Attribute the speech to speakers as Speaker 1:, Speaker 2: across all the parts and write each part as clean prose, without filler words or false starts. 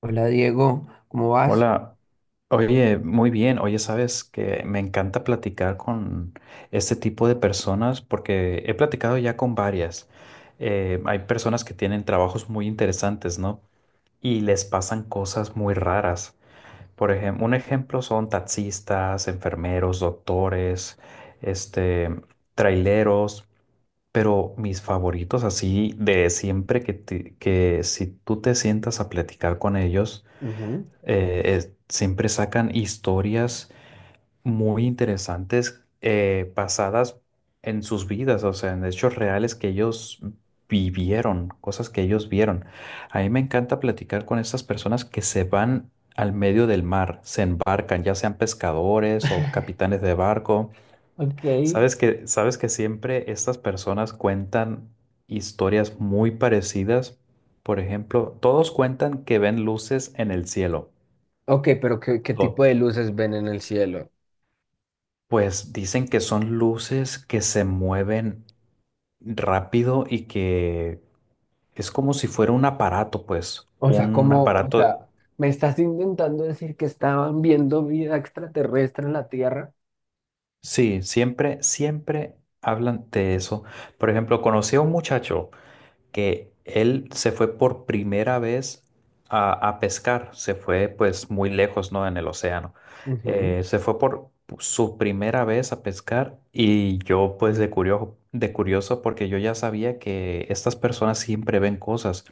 Speaker 1: Hola Diego, ¿cómo vas?
Speaker 2: Hola, oye, muy bien, oye, sabes que me encanta platicar con este tipo de personas porque he platicado ya con varias. Hay personas que tienen trabajos muy interesantes, ¿no? Y les pasan cosas muy raras. Por ejemplo, un ejemplo son taxistas, enfermeros, doctores, este, traileros, pero mis favoritos así de siempre que si tú te sientas a platicar con ellos
Speaker 1: Ujú.
Speaker 2: siempre sacan historias muy interesantes, basadas en sus vidas, o sea, en hechos reales que ellos vivieron, cosas que ellos vieron. A mí me encanta platicar con estas personas que se van al medio del mar, se embarcan, ya sean pescadores o capitanes de barco.
Speaker 1: Ok.
Speaker 2: Sabes que siempre estas personas cuentan historias muy parecidas. Por ejemplo, todos cuentan que ven luces en el cielo.
Speaker 1: Ok, pero ¿¿qué tipo de luces ven en el cielo?
Speaker 2: Pues dicen que son luces que se mueven rápido y que es como si fuera un aparato, pues,
Speaker 1: O sea,
Speaker 2: un
Speaker 1: ¿
Speaker 2: aparato.
Speaker 1: me estás intentando decir que estaban viendo vida extraterrestre en la Tierra?
Speaker 2: Sí, siempre hablan de eso. Por ejemplo, conocí a un muchacho que él se fue por primera vez a pescar, se fue pues muy lejos, ¿no? En el océano.
Speaker 1: Ujú.
Speaker 2: Se fue por su primera vez a pescar y yo pues de curioso porque yo ya sabía que estas personas siempre ven cosas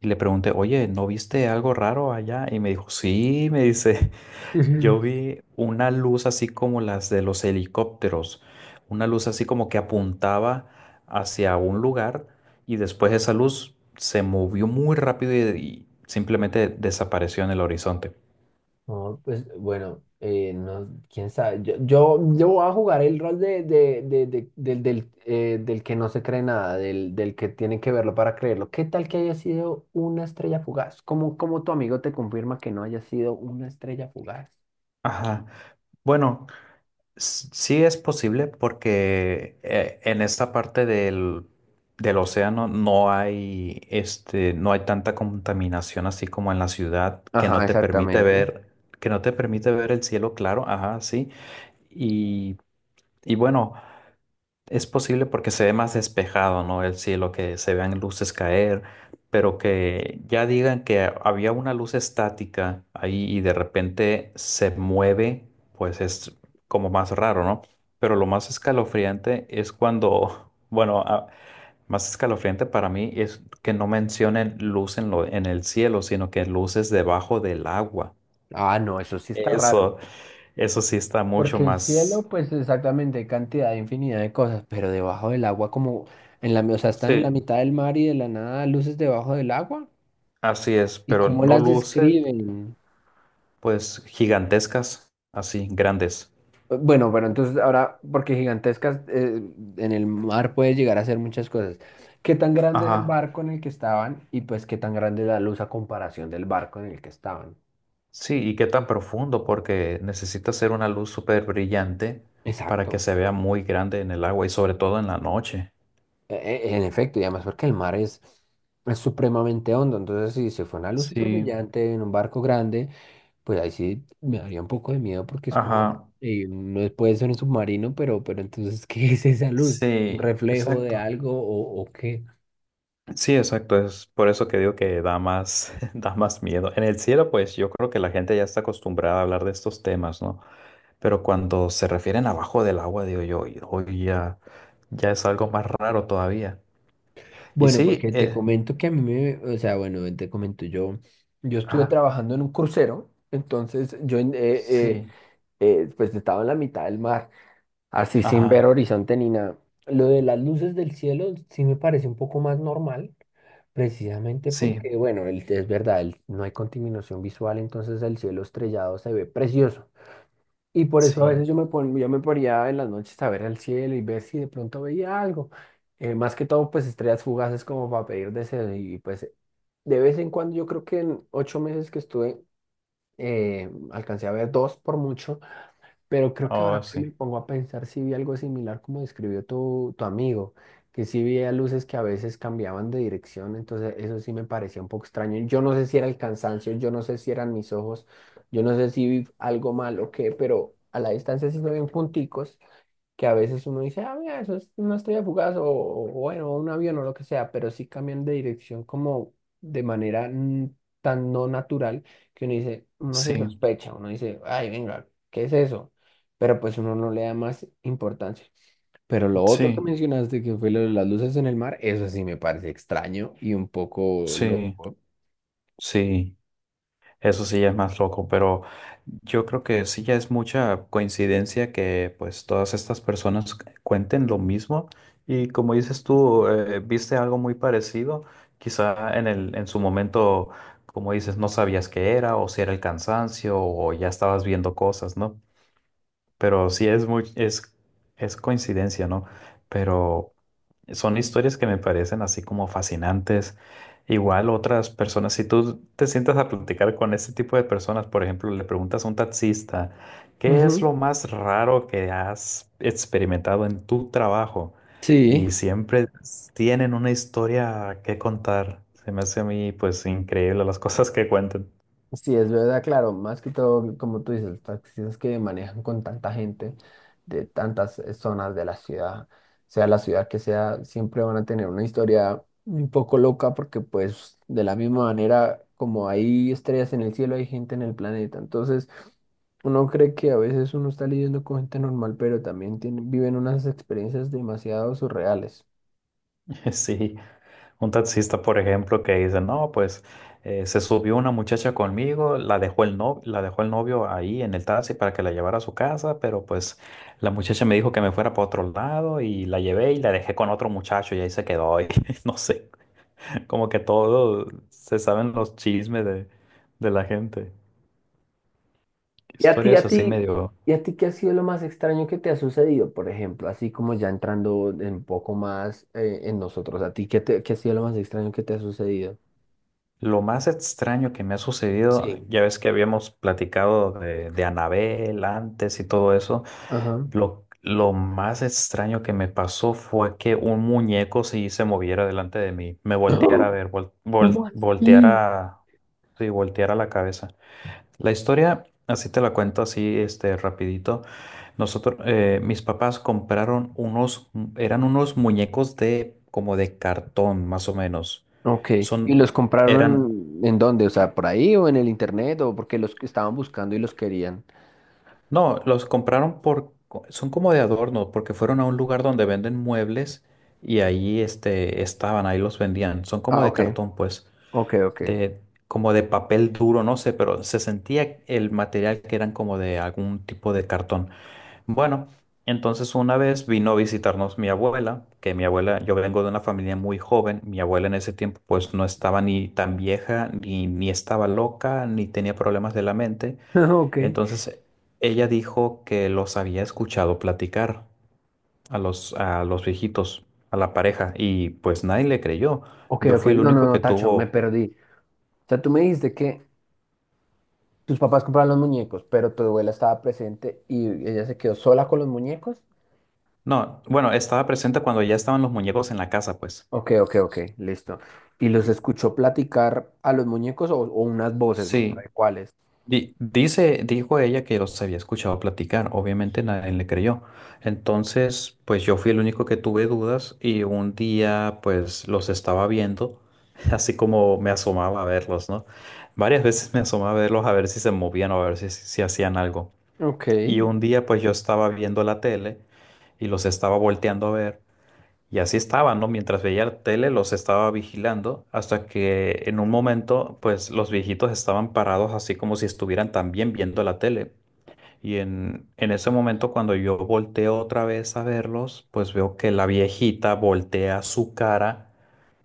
Speaker 2: y le pregunté, oye, ¿no viste algo raro allá? Y me dijo, sí, me dice. Yo vi una luz así como las de los helicópteros, una luz así como que apuntaba hacia un lugar y después esa luz se movió muy rápido y simplemente desapareció en el horizonte.
Speaker 1: No, pues bueno, no, quién sabe. Yo voy a jugar el rol del que no se cree nada, del que tiene que verlo para creerlo. ¿Qué tal que haya sido una estrella fugaz? ¿Cómo tu amigo te confirma que no haya sido una estrella fugaz?
Speaker 2: Ajá. Bueno, sí es posible porque, en esta parte del océano no hay, este, no hay tanta contaminación así como en la ciudad que no
Speaker 1: Ajá,
Speaker 2: te permite
Speaker 1: exactamente.
Speaker 2: ver, que no te permite ver el cielo claro, ajá, sí. Y, y bueno. Es posible porque se ve más despejado, ¿no? El cielo, que se vean luces caer, pero que ya digan que había una luz estática ahí y de repente se mueve, pues es como más raro, ¿no? Pero lo más escalofriante es cuando, bueno, más escalofriante para mí es que no mencionen luz en el cielo, sino que luces debajo del agua.
Speaker 1: Ah, no, eso sí está raro.
Speaker 2: Eso, eso sí está mucho
Speaker 1: Porque el cielo,
Speaker 2: más,
Speaker 1: pues exactamente, hay cantidad, infinidad de cosas, pero debajo del agua, como en la, o sea, están en la
Speaker 2: sí,
Speaker 1: mitad del mar y de la nada luces debajo del agua.
Speaker 2: así es,
Speaker 1: ¿Y
Speaker 2: pero
Speaker 1: cómo
Speaker 2: no
Speaker 1: las
Speaker 2: luces.
Speaker 1: describen?
Speaker 2: Pues gigantescas, así, grandes.
Speaker 1: Bueno, pero entonces ahora, porque gigantescas, en el mar puede llegar a ser muchas cosas. ¿Qué tan grande es el
Speaker 2: Ajá.
Speaker 1: barco en el que estaban? Y pues, ¿qué tan grande es la luz a comparación del barco en el que estaban?
Speaker 2: Sí, ¿y qué tan profundo? Porque necesita ser una luz súper brillante para que
Speaker 1: Exacto.
Speaker 2: se vea muy grande en el agua y sobre todo en la noche.
Speaker 1: E- en efecto, y además porque el mar es supremamente hondo. Entonces, si se fue una luz súper
Speaker 2: Sí,
Speaker 1: brillante en un barco grande, pues ahí sí me daría un poco de miedo porque es como,
Speaker 2: ajá.
Speaker 1: no puede ser un submarino, pero entonces, ¿qué es esa luz? ¿Un
Speaker 2: Sí,
Speaker 1: reflejo de
Speaker 2: exacto.
Speaker 1: algo o qué?
Speaker 2: Sí, exacto. Es por eso que digo que da más, da más miedo. En el cielo, pues yo creo que la gente ya está acostumbrada a hablar de estos temas, ¿no? Pero cuando se refieren abajo del agua, digo yo, hoy ya, ya es algo más raro todavía. Y
Speaker 1: Bueno,
Speaker 2: sí,
Speaker 1: porque te comento que a mí me, o sea, bueno, te comento yo, yo estuve
Speaker 2: ajá,
Speaker 1: trabajando en un crucero, entonces yo
Speaker 2: sí,
Speaker 1: pues estaba en la mitad del mar, así sin ver
Speaker 2: ajá,
Speaker 1: horizonte ni nada. Lo de las luces del cielo sí me parece un poco más normal, precisamente
Speaker 2: sí,
Speaker 1: porque, bueno, es verdad, no hay contaminación visual, entonces el cielo estrellado se ve precioso. Y por eso a
Speaker 2: sí,
Speaker 1: veces yo me ponía en las noches a ver el cielo y ver si de pronto veía algo. Más que todo, pues estrellas fugaces como para pedir deseos. Y pues de vez en cuando, yo creo que en ocho meses que estuve, alcancé a ver dos por mucho. Pero creo que
Speaker 2: oh,
Speaker 1: ahora que me
Speaker 2: sí,
Speaker 1: pongo a pensar, si vi algo similar como describió tu amigo, que sí veía luces que a veces cambiaban de dirección, entonces eso sí me parecía un poco extraño. Yo no sé si era el cansancio, yo no sé si eran mis ojos, yo no sé si vi algo mal o qué, pero a la distancia sí se ven punticos que a veces uno dice, ah, mira, eso es una estrella fugaz o bueno, un avión o lo que sea, pero sí cambian de dirección como de manera tan no natural que uno dice, uno se
Speaker 2: sí,
Speaker 1: sospecha, uno dice, ay, venga, ¿qué es eso? Pero pues uno no le da más importancia. Pero lo otro que
Speaker 2: sí,
Speaker 1: mencionaste, que fue lo de las luces en el mar, eso sí me parece extraño y un poco
Speaker 2: sí,
Speaker 1: loco.
Speaker 2: sí, eso sí ya es más loco, pero yo creo que sí ya es mucha coincidencia que pues todas estas personas cuenten lo mismo y como dices tú, viste algo muy parecido, quizá en su momento, como dices, no sabías qué era o si era el cansancio o ya estabas viendo cosas, ¿no? Pero sí es coincidencia, ¿no? Pero son historias que me parecen así como fascinantes. Igual otras personas, si tú te sientas a platicar con este tipo de personas, por ejemplo, le preguntas a un taxista, ¿qué es
Speaker 1: Ujú.
Speaker 2: lo más raro que has experimentado en tu trabajo?
Speaker 1: Sí.
Speaker 2: Y siempre tienen una historia que contar. Se me hace a mí, pues, increíble las cosas que cuentan.
Speaker 1: Sí, es verdad, claro, más que todo, como tú dices, los taxistas que manejan con tanta gente de tantas zonas de la ciudad, sea la ciudad que sea, siempre van a tener una historia un poco loca porque pues de la misma manera como hay estrellas en el cielo, hay gente en el planeta. Entonces, uno cree que a veces uno está lidiando con gente normal, pero también tiene, viven unas experiencias demasiado surreales.
Speaker 2: Sí. Un taxista, por ejemplo, que dice, no, pues, se subió una muchacha conmigo, la dejó el no, la dejó el novio ahí en el taxi para que la llevara a su casa, pero pues la muchacha me dijo que me fuera para otro lado y la llevé y la dejé con otro muchacho y ahí se quedó. Y no sé, como que todo se saben los chismes de la gente.
Speaker 1: Y a ti,
Speaker 2: Historias
Speaker 1: a
Speaker 2: así
Speaker 1: ti,
Speaker 2: medio.
Speaker 1: y a ti, ¿qué ha sido lo más extraño que te ha sucedido, por ejemplo? Así como ya entrando en un poco más en nosotros, ¿a ti qué, qué ha sido lo más extraño que te ha sucedido?
Speaker 2: Lo más extraño que me ha sucedido,
Speaker 1: Sí.
Speaker 2: ya ves que habíamos platicado de Anabel antes y todo eso.
Speaker 1: Ajá.
Speaker 2: Lo más extraño que me pasó fue que un muñeco sí se moviera delante de mí, me
Speaker 1: ¡Ah!
Speaker 2: volteara a ver,
Speaker 1: ¿Cómo así?
Speaker 2: volteara, sí, volteara la cabeza. La historia, así te la cuento así, este, rapidito. Nosotros, mis papás compraron unos, eran unos muñecos de, como de cartón, más o menos.
Speaker 1: Ok, ¿y
Speaker 2: Son,
Speaker 1: los
Speaker 2: eran.
Speaker 1: compraron en dónde? O sea, ¿por ahí o en el internet o porque los que estaban buscando y los querían?
Speaker 2: No, los compraron por, son como de adorno, porque fueron a un lugar donde venden muebles y ahí este, estaban, ahí los vendían. Son como
Speaker 1: Ah,
Speaker 2: de
Speaker 1: ok,
Speaker 2: cartón, pues,
Speaker 1: ok, ok.
Speaker 2: de, como de papel duro, no sé, pero se sentía el material que eran como de algún tipo de cartón. Bueno, entonces una vez vino a visitarnos mi abuela, que mi abuela, yo vengo de una familia muy joven, mi abuela en ese tiempo pues no estaba ni tan vieja, ni estaba loca, ni tenía problemas de la mente. Entonces, ella dijo que los había escuchado platicar a a los viejitos, a la pareja, y pues nadie le creyó.
Speaker 1: Ok, ok,
Speaker 2: Yo
Speaker 1: ok,
Speaker 2: fui el
Speaker 1: no, no,
Speaker 2: único
Speaker 1: no,
Speaker 2: que
Speaker 1: Tacho, me
Speaker 2: tuvo...
Speaker 1: perdí. O sea, tú me dijiste que tus papás compraron los muñecos, pero tu abuela estaba presente y ella se quedó sola con los muñecos.
Speaker 2: No, bueno, estaba presente cuando ya estaban los muñecos en la casa, pues.
Speaker 1: Ok, ok, ok, listo. ¿Y los
Speaker 2: Y,
Speaker 1: escuchó platicar a los muñecos o unas voces, no
Speaker 2: sí,
Speaker 1: sabe cuáles?
Speaker 2: Dijo ella que los había escuchado platicar, obviamente nadie le creyó. Entonces, pues yo fui el único que tuve dudas y un día pues los estaba viendo, así como me asomaba a verlos, ¿no? Varias veces me asomaba a verlos a ver si se movían o a ver si hacían algo.
Speaker 1: Ok.
Speaker 2: Y un día pues yo estaba viendo la tele y los estaba volteando a ver. Y así estaban, ¿no? Mientras veía la tele, los estaba vigilando hasta que en un momento, pues los viejitos estaban parados así como si estuvieran también viendo la tele. Y en ese momento, cuando yo volteo otra vez a verlos, pues veo que la viejita voltea su cara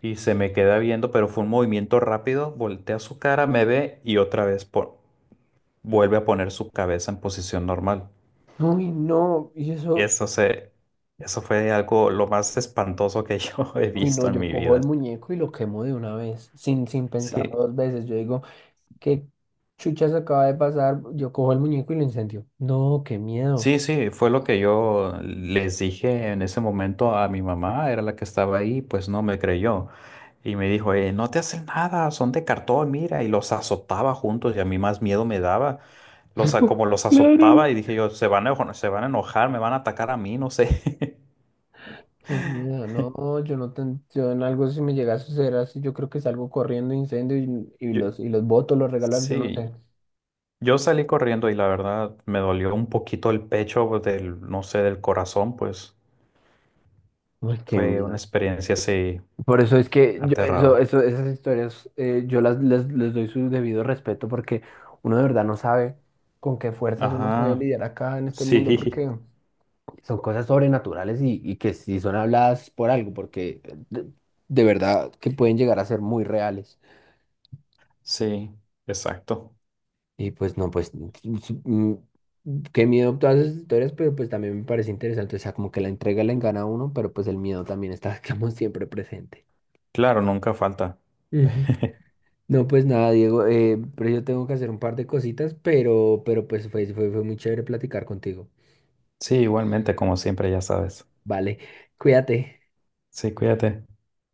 Speaker 2: y se me queda viendo, pero fue un movimiento rápido, voltea su cara, me ve y otra vez vuelve a poner su cabeza en posición normal.
Speaker 1: Uy, no, y eso,
Speaker 2: Eso se, eso fue algo lo más espantoso que yo he
Speaker 1: uy, no,
Speaker 2: visto en
Speaker 1: yo
Speaker 2: mi
Speaker 1: cojo
Speaker 2: vida.
Speaker 1: el muñeco y lo quemo de una vez, sin, sin pensarlo
Speaker 2: Sí,
Speaker 1: dos veces. Yo digo, ¿qué chuchas acaba de pasar? Yo cojo el muñeco y lo incendio. No, qué miedo.
Speaker 2: sí, sí, fue lo que yo les dije en ese momento a mi mamá, era la que estaba ahí, pues no me creyó. Y me dijo, no te hacen nada, son de cartón, mira, y los azotaba juntos y a mí más miedo me daba. Como los
Speaker 1: Claro.
Speaker 2: azotaba y dije yo, se van a enojar, me van a atacar a mí, no sé.
Speaker 1: Qué miedo, no, yo no ten- yo en algo si me llega a suceder así, yo creo que salgo corriendo incendio y,
Speaker 2: Yo-
Speaker 1: y los boto, los regalar, yo no sé.
Speaker 2: sí, yo salí corriendo y la verdad me dolió un poquito el pecho pues, del, no sé, del corazón, pues
Speaker 1: Uy, qué
Speaker 2: fue una
Speaker 1: miedo.
Speaker 2: experiencia así
Speaker 1: Por eso es que yo,
Speaker 2: aterrador.
Speaker 1: esas historias yo las, les doy su debido respeto porque uno de verdad no sabe con qué fuerzas uno puede
Speaker 2: Ajá,
Speaker 1: lidiar acá en este mundo
Speaker 2: sí.
Speaker 1: porque son cosas sobrenaturales y que si son habladas por algo, porque de verdad que pueden llegar a ser muy reales.
Speaker 2: Sí, exacto.
Speaker 1: Y pues no, pues qué miedo todas esas historias, pero pues también me parece interesante, o sea, como que la entrega le engana a uno, pero pues el miedo también está, como siempre presente.
Speaker 2: Claro, nunca falta.
Speaker 1: Ujú. No, pues nada, Diego, pero yo tengo que hacer un par de cositas, pero pues fue muy chévere platicar contigo.
Speaker 2: Sí, igualmente, como siempre, ya sabes.
Speaker 1: Vale, cuídate.
Speaker 2: Sí, cuídate.